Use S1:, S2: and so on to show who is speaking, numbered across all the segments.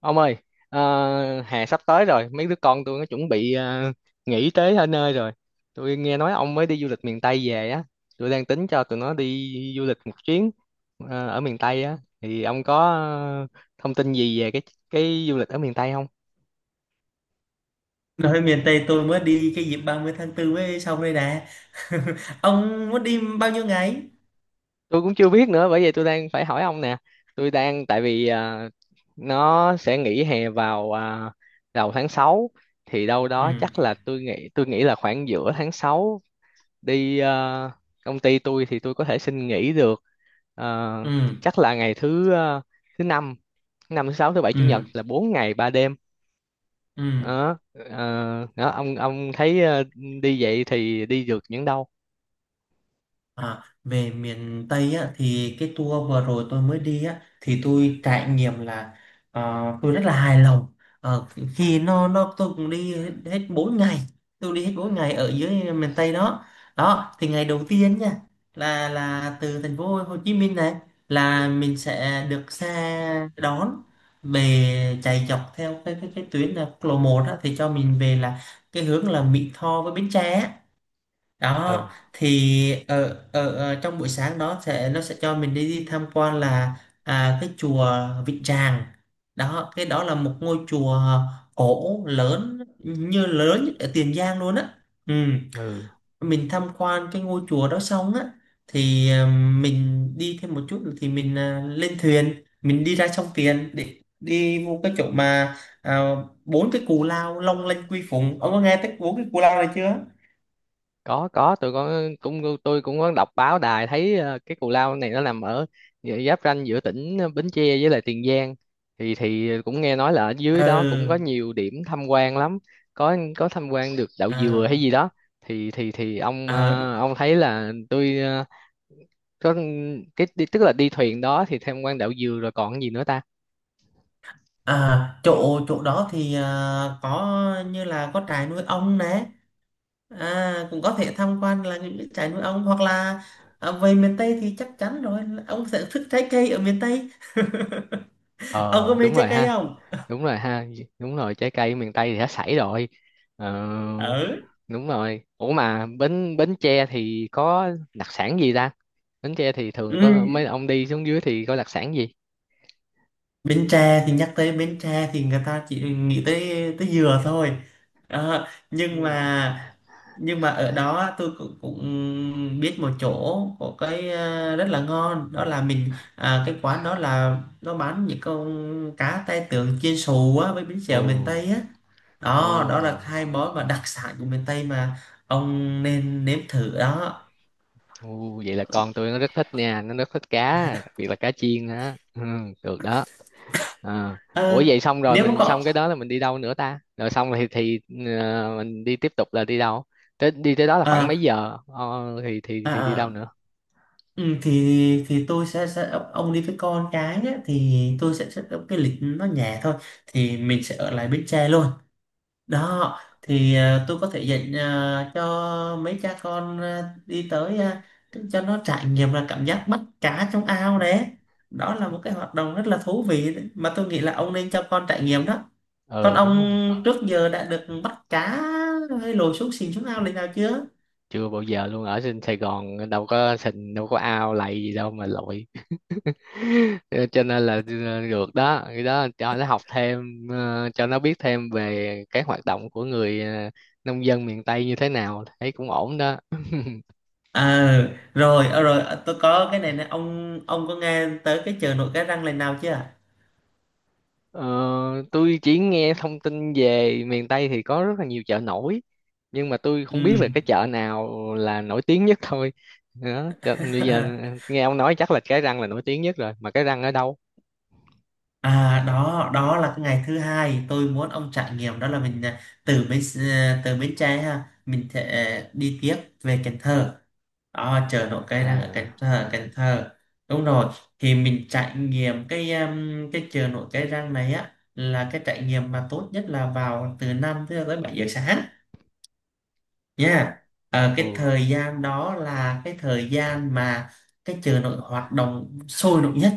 S1: Ông ơi, hè sắp tới rồi, mấy đứa con tôi nó chuẩn bị nghỉ tới ở nơi rồi. Tôi nghe nói ông mới đi du lịch miền Tây về á, tôi đang tính cho tụi nó đi du lịch một chuyến ở miền Tây á, thì ông có thông tin gì về cái du lịch ở miền Tây không?
S2: Nói miền Tây tôi mới đi cái dịp 30 tháng 4 mới xong đây nè. Ông muốn đi bao nhiêu ngày?
S1: Tôi cũng chưa biết nữa, bởi vậy tôi đang phải hỏi ông nè. Tôi đang tại vì nó sẽ nghỉ hè vào đầu tháng 6, thì đâu
S2: Ừ,
S1: đó chắc là tôi nghĩ là khoảng giữa tháng 6. Đi công ty tôi thì tôi có thể xin nghỉ được, ờ,
S2: ừ,
S1: chắc là ngày thứ năm, thứ sáu, thứ bảy, chủ nhật,
S2: ừ,
S1: là 4 ngày ba đêm
S2: ừ.
S1: đó. Ờ, Đó ông, thấy đi vậy thì đi được những đâu?
S2: À, về miền Tây á, thì cái tour vừa rồi tôi mới đi á, thì tôi trải nghiệm là ờ, tôi rất là hài lòng. Ờ, Khi nó tôi cũng đi hết 4 ngày, tôi đi hết 4 ngày ở dưới miền Tây đó. Đó thì ngày đầu tiên nha, là từ Thành phố Hồ Chí Minh này, là mình sẽ được xe đón về, chạy dọc theo cái tuyến là quốc lộ 1 á, thì cho mình về là cái hướng là Mỹ Tho với Bến Tre á.
S1: Ừ,
S2: Đó thì ở trong buổi sáng đó nó sẽ cho mình đi tham quan là cái chùa Vĩnh Tràng. Đó, cái đó là một ngôi chùa cổ lớn, như lớn nhất ở Tiền Giang luôn á. Ừ.
S1: ừ,
S2: Mình tham quan cái ngôi chùa đó xong á thì mình đi thêm một chút nữa, thì mình lên thuyền, mình đi ra sông Tiền để đi vô cái chỗ mà à, 4 cái cù lao Long Lanh Quy Phụng. Ông có nghe tới 4 cái cù lao này chưa?
S1: có tụi con cũng tôi cũng có đọc báo đài thấy cái cù lao này nó nằm ở giáp ranh giữa tỉnh Bến Tre với lại Tiền Giang, thì cũng nghe nói là ở dưới đó cũng có
S2: Ừ.
S1: nhiều điểm tham quan lắm. Có tham quan được đậu
S2: ờ
S1: dừa hay gì đó. Thì ông
S2: À,
S1: ông thấy là tôi có cái tức là đi thuyền đó thì tham quan đậu dừa rồi còn gì nữa ta?
S2: chỗ chỗ đó thì có, như là có trại nuôi ong nè, cũng có thể tham quan là những cái trại nuôi ong, hoặc là về miền Tây thì chắc chắn rồi là ông sẽ thích trái cây ở miền Tây. Ông có
S1: Ờ
S2: mê
S1: đúng rồi
S2: trái cây
S1: ha,
S2: không?
S1: đúng rồi ha, đúng rồi, trái cây miền Tây thì đã sảy rồi. ờ,
S2: Ừ.
S1: Đúng rồi, ủa mà Bến Bến Tre thì có đặc sản gì ta? Bến Tre thì thường
S2: Ừ.
S1: có mấy ông đi xuống dưới thì có đặc sản gì?
S2: Bến Tre thì, nhắc tới Bến Tre thì người ta chỉ nghĩ tới tới dừa thôi. Nhưng mà ở đó tôi cũng biết một chỗ có cái rất là ngon, đó là mình cái quán đó là nó bán những con cá tai tượng chiên xù á với bánh
S1: Ồ.
S2: xèo miền Tây á.
S1: Ồ.
S2: Đó, đó là hai món mà đặc sản của miền Tây mà, ông nên nếm thử đó.
S1: Ồ, vậy là con tôi nó rất thích nha, nó rất thích cá, đặc biệt là cá chiên á. Ừ, được đó. À. Ủa
S2: Ờ,
S1: vậy xong rồi,
S2: Nếu mà
S1: mình
S2: có
S1: xong cái đó là mình đi đâu nữa ta? Rồi xong thì mình đi tiếp tục là đi đâu? Tới đi tới đó là khoảng mấy
S2: à,
S1: giờ thì thì đi
S2: à,
S1: đâu
S2: à,
S1: nữa?
S2: Ừ, thì tôi sẽ set ông đi với con cái nhé, thì tôi sẽ set up cái lịch nó nhẹ thôi. Thì mình sẽ ở lại Bến Tre luôn. Đó thì tôi có thể dạy cho mấy cha con đi tới, cho nó trải nghiệm là cảm giác bắt cá trong ao đấy. Đó là một cái hoạt động rất là thú vị đấy, mà tôi nghĩ là ông nên cho con trải nghiệm đó. Con
S1: Ờ đúng rồi.
S2: ông trước giờ đã được bắt cá hay lội xuống xìn, xuống ao lần nào chưa?
S1: Chưa bao giờ luôn, ở trên Sài Gòn đâu có sình, đâu có ao lầy gì đâu mà lội. Ờ, cho nên là được đó, cái đó cho nó học thêm, cho nó biết thêm về cái hoạt động của người nông dân miền Tây như thế nào, thấy cũng ổn đó.
S2: À, rồi, rồi, tôi có cái này nè, ông có nghe tới cái chợ nổi Cái Răng lần nào chưa?
S1: Ờ, tôi chỉ nghe thông tin về miền Tây thì có rất là nhiều chợ nổi, nhưng mà tôi
S2: Ừ.
S1: không biết là cái chợ nào là nổi tiếng nhất thôi. Đó cho, bây giờ nghe ông nói chắc là cái răng là nổi tiếng nhất rồi, mà cái răng ở đâu?
S2: À, đó, đó là cái ngày thứ hai tôi muốn ông trải nghiệm, đó là mình từ từ Bến Tre ha, mình sẽ đi tiếp về Cần Thơ. Đó,
S1: À,
S2: chợ nổi Cái Răng ở Cần
S1: à.
S2: Thơ, Cần Thơ. Đúng rồi, thì mình trải nghiệm cái chợ nổi Cái Răng này á, là cái trải nghiệm mà tốt nhất là vào từ 5 tới 7 giờ sáng nha. Ờ,
S1: Ồ.
S2: cái thời gian đó là cái thời gian mà cái chợ nổi hoạt động sôi động nhất.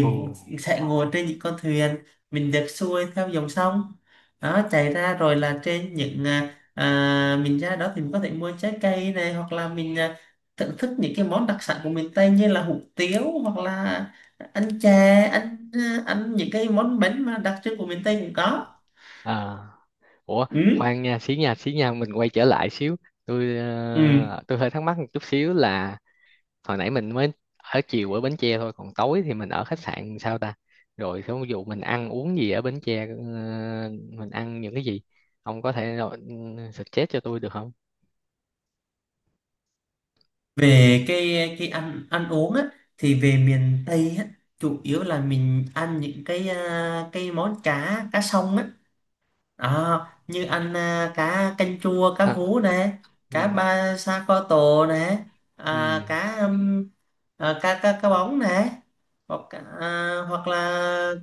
S1: Ồ.
S2: sẽ ngồi trên những con thuyền, mình được xuôi theo dòng sông đó chảy ra, rồi là trên những mình ra đó thì mình có thể mua trái cây này, hoặc là mình thưởng thức những cái món đặc sản của miền Tây như là hủ tiếu, hoặc là ăn chè, ăn ăn những cái món bánh mà đặc trưng của miền Tây cũng có.
S1: À. Ủa
S2: Ừ.
S1: khoan nha, xí nha, xí nha, mình quay trở lại xíu. Tôi
S2: Ừ.
S1: tôi hơi thắc mắc một chút xíu là hồi nãy mình mới ở chiều ở Bến Tre thôi, còn tối thì mình ở khách sạn sao ta? Rồi ví dụ mình ăn uống gì ở Bến Tre, mình ăn những cái gì, ông có thể rồi ừ, suggest cho tôi được không?
S2: Về cái ăn ăn uống á, thì về miền Tây á, chủ yếu là mình ăn những cái món cá cá sông á. Đó, như ăn cá canh chua, cá
S1: À,
S2: hú này, cá
S1: ừ,
S2: ba sa co tổ này,
S1: ừ,
S2: cá. Cá cá cá bóng này hoặc hoặc là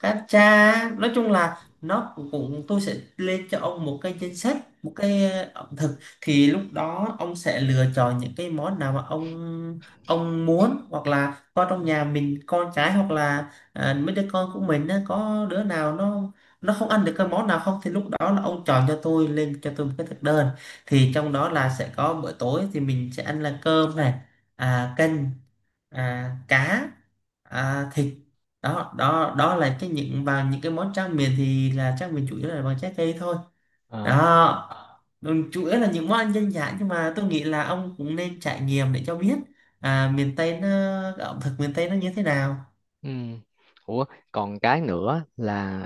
S2: cá tra. Nói chung là nó cũng cũng- tôi sẽ lên cho ông một cái danh sách, một cái ẩm thực. Thì lúc đó ông sẽ lựa chọn những cái món nào mà ông muốn, hoặc là con trong nhà mình, con cái, hoặc là mấy đứa con của mình á, có đứa nào nó không ăn được cái món nào không, thì lúc đó là ông chọn cho tôi, lên cho tôi một cái thực đơn. Thì trong đó là sẽ có bữa tối, thì mình sẽ ăn là cơm này, canh, cá, thịt. Đó, đó, đó là cái những, và những cái món tráng miệng thì là tráng miệng chủ yếu là bằng trái cây thôi
S1: ờ,
S2: đó. Ừ, chủ yếu là những món ăn dân dã, nhưng mà tôi nghĩ là ông cũng nên trải nghiệm để cho biết miền Tây nó, ẩm thực miền Tây nó như thế nào.
S1: ừ. Ủa còn cái nữa là,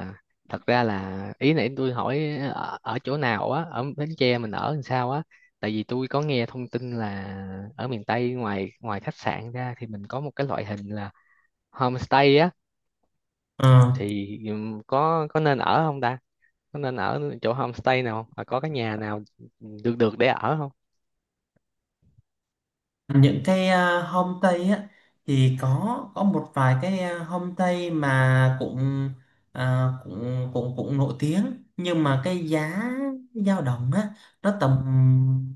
S1: thật ra là ý nãy tôi hỏi ở, ở chỗ nào á, ở Bến Tre mình ở làm sao á, tại vì tôi có nghe thông tin là ở miền Tây ngoài ngoài khách sạn ra thì mình có một cái loại hình là homestay á.
S2: Ờ.
S1: Thì có nên ở không ta? Có nên ở chỗ homestay nào không, và có cái nhà nào được được để ở không?
S2: Những homestay á thì có một vài homestay mà cũng à, cũng cũng cũng nổi tiếng, nhưng mà cái giá dao động á, nó tầm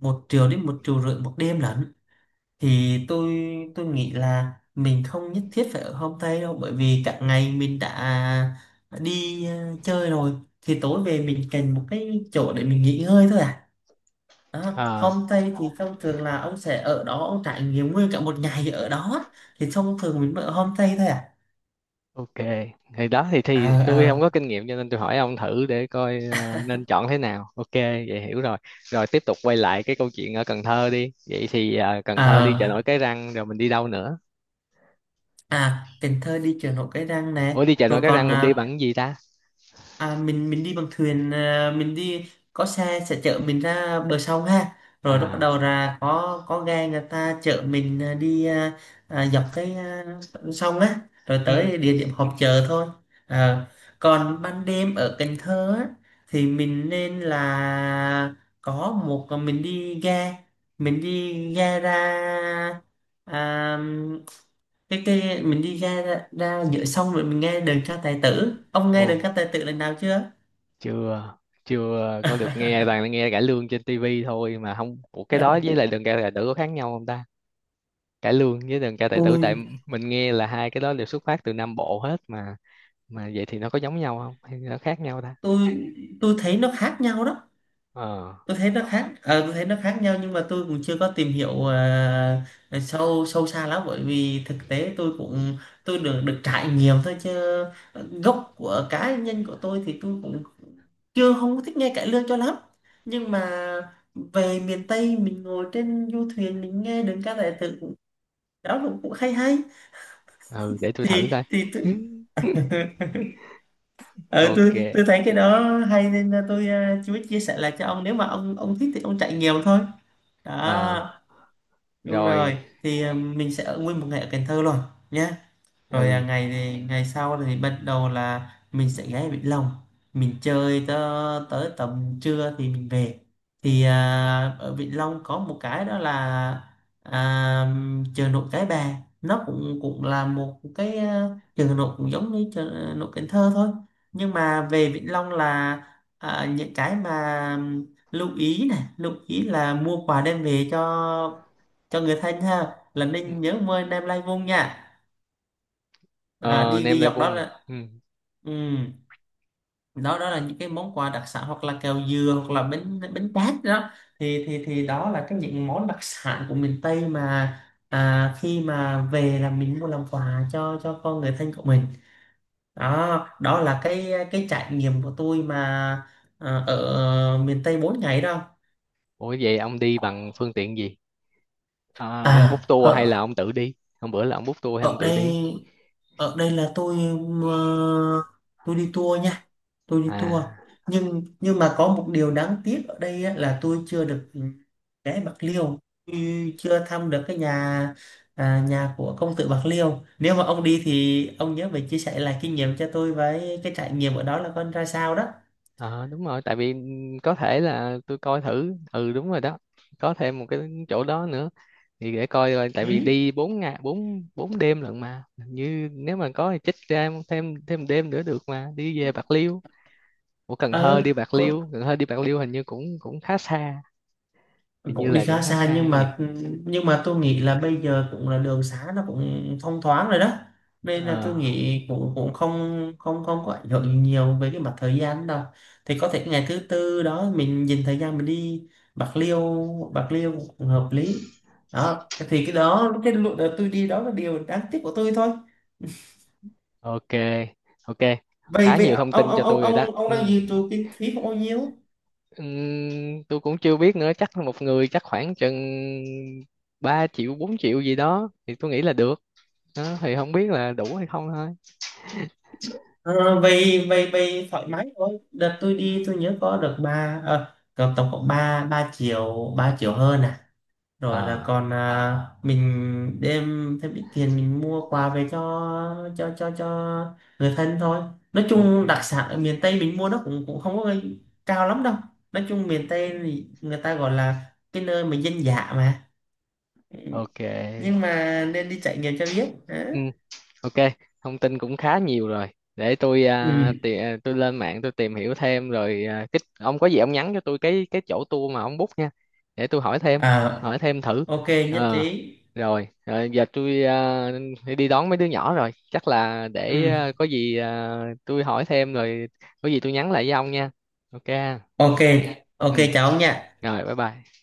S2: 1 triệu đến 1,5 triệu một đêm lận. Thì tôi nghĩ là mình không nhất thiết phải ở homestay đâu, bởi vì cả ngày mình đã đi chơi rồi, thì tối về mình cần một cái chỗ để mình nghỉ ngơi thôi à. À,
S1: À,
S2: homestay thì thông thường là ông sẽ ở đó, ông trải nghiệm nguyên cả một ngày ở đó, thì thông thường mình mới ở homestay thôi
S1: ok, thì đó thì tôi không
S2: à
S1: có kinh nghiệm cho nên tôi hỏi ông thử để coi nên chọn thế nào. Ok vậy hiểu rồi. Rồi tiếp tục quay lại cái câu chuyện ở Cần Thơ đi, vậy thì Cần
S2: à
S1: Thơ đi chợ
S2: à,
S1: nổi Cái Răng rồi mình đi đâu nữa?
S2: Cần Thơ đi chợ nổi Cái Răng
S1: Ủa
S2: nè,
S1: đi chợ nổi
S2: rồi
S1: Cái
S2: còn
S1: Răng mình đi bằng cái gì ta?
S2: À, mình đi bằng thuyền à, mình đi có xe sẽ chở mình ra bờ sông ha, rồi lúc bắt đầu
S1: À.
S2: là có ghe người ta chở mình đi dọc cái sông á, rồi
S1: Ừ.
S2: tới địa điểm họp chợ thôi. Ờ, còn ban đêm ở Cần Thơ á, thì mình nên là có một, mình đi ghe, mình đi ghe ra à, cái mình đi ra ra, ra giữa sông rồi mình nghe đờn ca tài tử. Ông
S1: Ồ.
S2: nghe đờn ca tài tử lần nào chưa?
S1: Chưa. Chưa có được nghe, toàn là nghe cải lương trên tivi thôi, mà không, ủa cái đó với lại đường cải là đỡ có khác nhau không ta? Cải lương với đờn ca tài tử,
S2: Ôi,
S1: tại mình nghe là hai cái đó đều xuất phát từ Nam Bộ hết mà vậy thì nó có giống nhau không hay nó khác nhau ta?
S2: tôi tôi thấy nó khác nhau đó.
S1: Ờ.
S2: Tôi thấy nó khác, tôi thấy nó khác nhau, nhưng mà tôi cũng chưa có tìm hiểu sâu, sâu xa lắm, bởi vì thực tế tôi cũng, tôi được được trải nghiệm thôi, chứ gốc của cá nhân của tôi thì tôi cũng chưa, không có thích nghe cải lương cho lắm. Nhưng mà về miền Tây mình ngồi trên du thuyền, mình nghe đơn ca tài tử cũng, đó cũng, cũng hay hay,
S1: Ừ để tôi thử
S2: thì
S1: coi.
S2: thì tôi.
S1: Ừ,
S2: Ừ,
S1: ok.
S2: tôi thấy cái đó hay, nên là tôi chú ý chia sẻ lại cho ông, nếu mà ông thích thì ông chạy nhiều thôi đó.
S1: Ờ.
S2: Đúng
S1: Rồi.
S2: rồi. Thì mình sẽ ở nguyên một ngày ở Cần Thơ luôn nhé. Rồi
S1: Ừ.
S2: ngày sau thì bắt đầu là mình sẽ ghé Vĩnh Long, mình chơi tới tầm trưa thì mình về. Thì ở Vĩnh Long có một cái đó là à, chợ nổi Cái Bè, nó cũng cũng là một chợ nổi cũng giống như chợ nổi Cần Thơ thôi. Nhưng mà về Vĩnh Long là những cái mà lưu ý này, lưu ý là mua quà đem về cho người thân ha, là nên nhớ mời anh em lai vung nha.
S1: Ờ
S2: Đi
S1: nem
S2: đi
S1: lai
S2: dọc đó
S1: vung.
S2: là.
S1: Ừ.
S2: Ừ. Đó, đó là những cái món quà đặc sản, hoặc là kẹo dừa, hoặc là bánh bánh tét đó, thì đó là cái những món đặc sản của miền Tây mà. Khi mà về là mình mua làm quà cho con người thân của mình. Đó, đó là cái trải nghiệm của tôi mà, ở miền Tây 4 ngày đó.
S1: Ủa vậy ông đi bằng phương tiện gì, à, ông book
S2: À,
S1: tour hay
S2: ở,
S1: là ông tự đi? Hôm bữa là ông book tour hay ông
S2: ở
S1: tự đi?
S2: đây ở đây là tôi, ờ, tôi đi tour nha. Tôi đi tour.
S1: À.
S2: Nhưng mà có một điều đáng tiếc ở đây á, là tôi chưa được ghé Bạc Liêu. Tôi chưa thăm được nhà của công tử Bạc Liêu. Nếu mà ông đi thì ông nhớ phải chia sẻ lại kinh nghiệm cho tôi với cái trải nghiệm ở đó là con ra sao đó.
S1: Ờ đúng rồi, tại vì có thể là tôi coi thử, ừ đúng rồi đó, có thêm một cái chỗ đó nữa, thì để coi rồi, tại vì
S2: Ừ.
S1: đi bốn ngày, bốn bốn đêm lận mà, như nếu mà có thì chích ra thêm, thêm đêm nữa được mà đi về Bạc Liêu. Của Cần Thơ
S2: ờ
S1: đi Bạc
S2: Có,
S1: Liêu, Cần Thơ đi Bạc Liêu hình như cũng cũng khá xa. Hình như
S2: cũng đi
S1: là cũng
S2: khá
S1: khá
S2: xa,
S1: xa
S2: nhưng
S1: nhỉ?
S2: mà tôi nghĩ là bây giờ cũng là đường xá nó cũng thông thoáng rồi đó, nên là
S1: Ờ
S2: tôi nghĩ cũng cũng không không không có ảnh hưởng gì nhiều về cái mặt thời gian đâu. Thì có thể ngày thứ tư đó mình dành thời gian mình đi Bạc Liêu. Bạc Liêu cũng hợp lý. Đó thì cái đó, cái lượt đợt tôi đi đó, là điều đáng tiếc của tôi thôi.
S1: ok, ok,
S2: vậy
S1: khá
S2: vậy
S1: nhiều thông
S2: ông
S1: tin
S2: ông
S1: cho
S2: ông
S1: tôi rồi đó.
S2: ông ông
S1: Ừ.
S2: đang dự trù kinh phí không, bao nhiêu?
S1: Tôi cũng chưa biết nữa, chắc một người chắc khoảng chừng 3 triệu 4 triệu gì đó thì tôi nghĩ là được đó, thì không biết là đủ hay không thôi.
S2: Ờ, vậy vậy vậy thoải mái thôi. Đợt tôi đi tôi nhớ có được có tổng cộng ba ba triệu 3 triệu hơn à. Rồi là còn
S1: À
S2: mình đem thêm ít tiền, mình mua quà về cho người thân thôi. Nói
S1: ok.
S2: chung đặc sản ở miền Tây mình mua nó cũng cũng không có cao lắm đâu. Nói chung miền Tây thì người ta gọi là cái nơi mà dân dã mà. Ừ,
S1: Ok.
S2: nhưng mà nên đi trải nghiệm cho biết. Đó.
S1: Ok, thông tin cũng khá nhiều rồi. Để tôi
S2: Ừ.
S1: tôi lên mạng tôi tìm hiểu thêm rồi cái, ông có gì ông nhắn cho tôi cái chỗ tour mà ông book nha. Để tôi
S2: à
S1: hỏi thêm thử.
S2: ok, nhất
S1: Ờ
S2: trí.
S1: rồi, giờ tôi phải đi đón mấy đứa nhỏ rồi. Chắc là để
S2: Ừ.
S1: có gì tôi hỏi thêm rồi có gì tôi nhắn lại với ông nha. Ok.
S2: Ok, ok
S1: Ừ,
S2: cháu nha.
S1: rồi bye bye.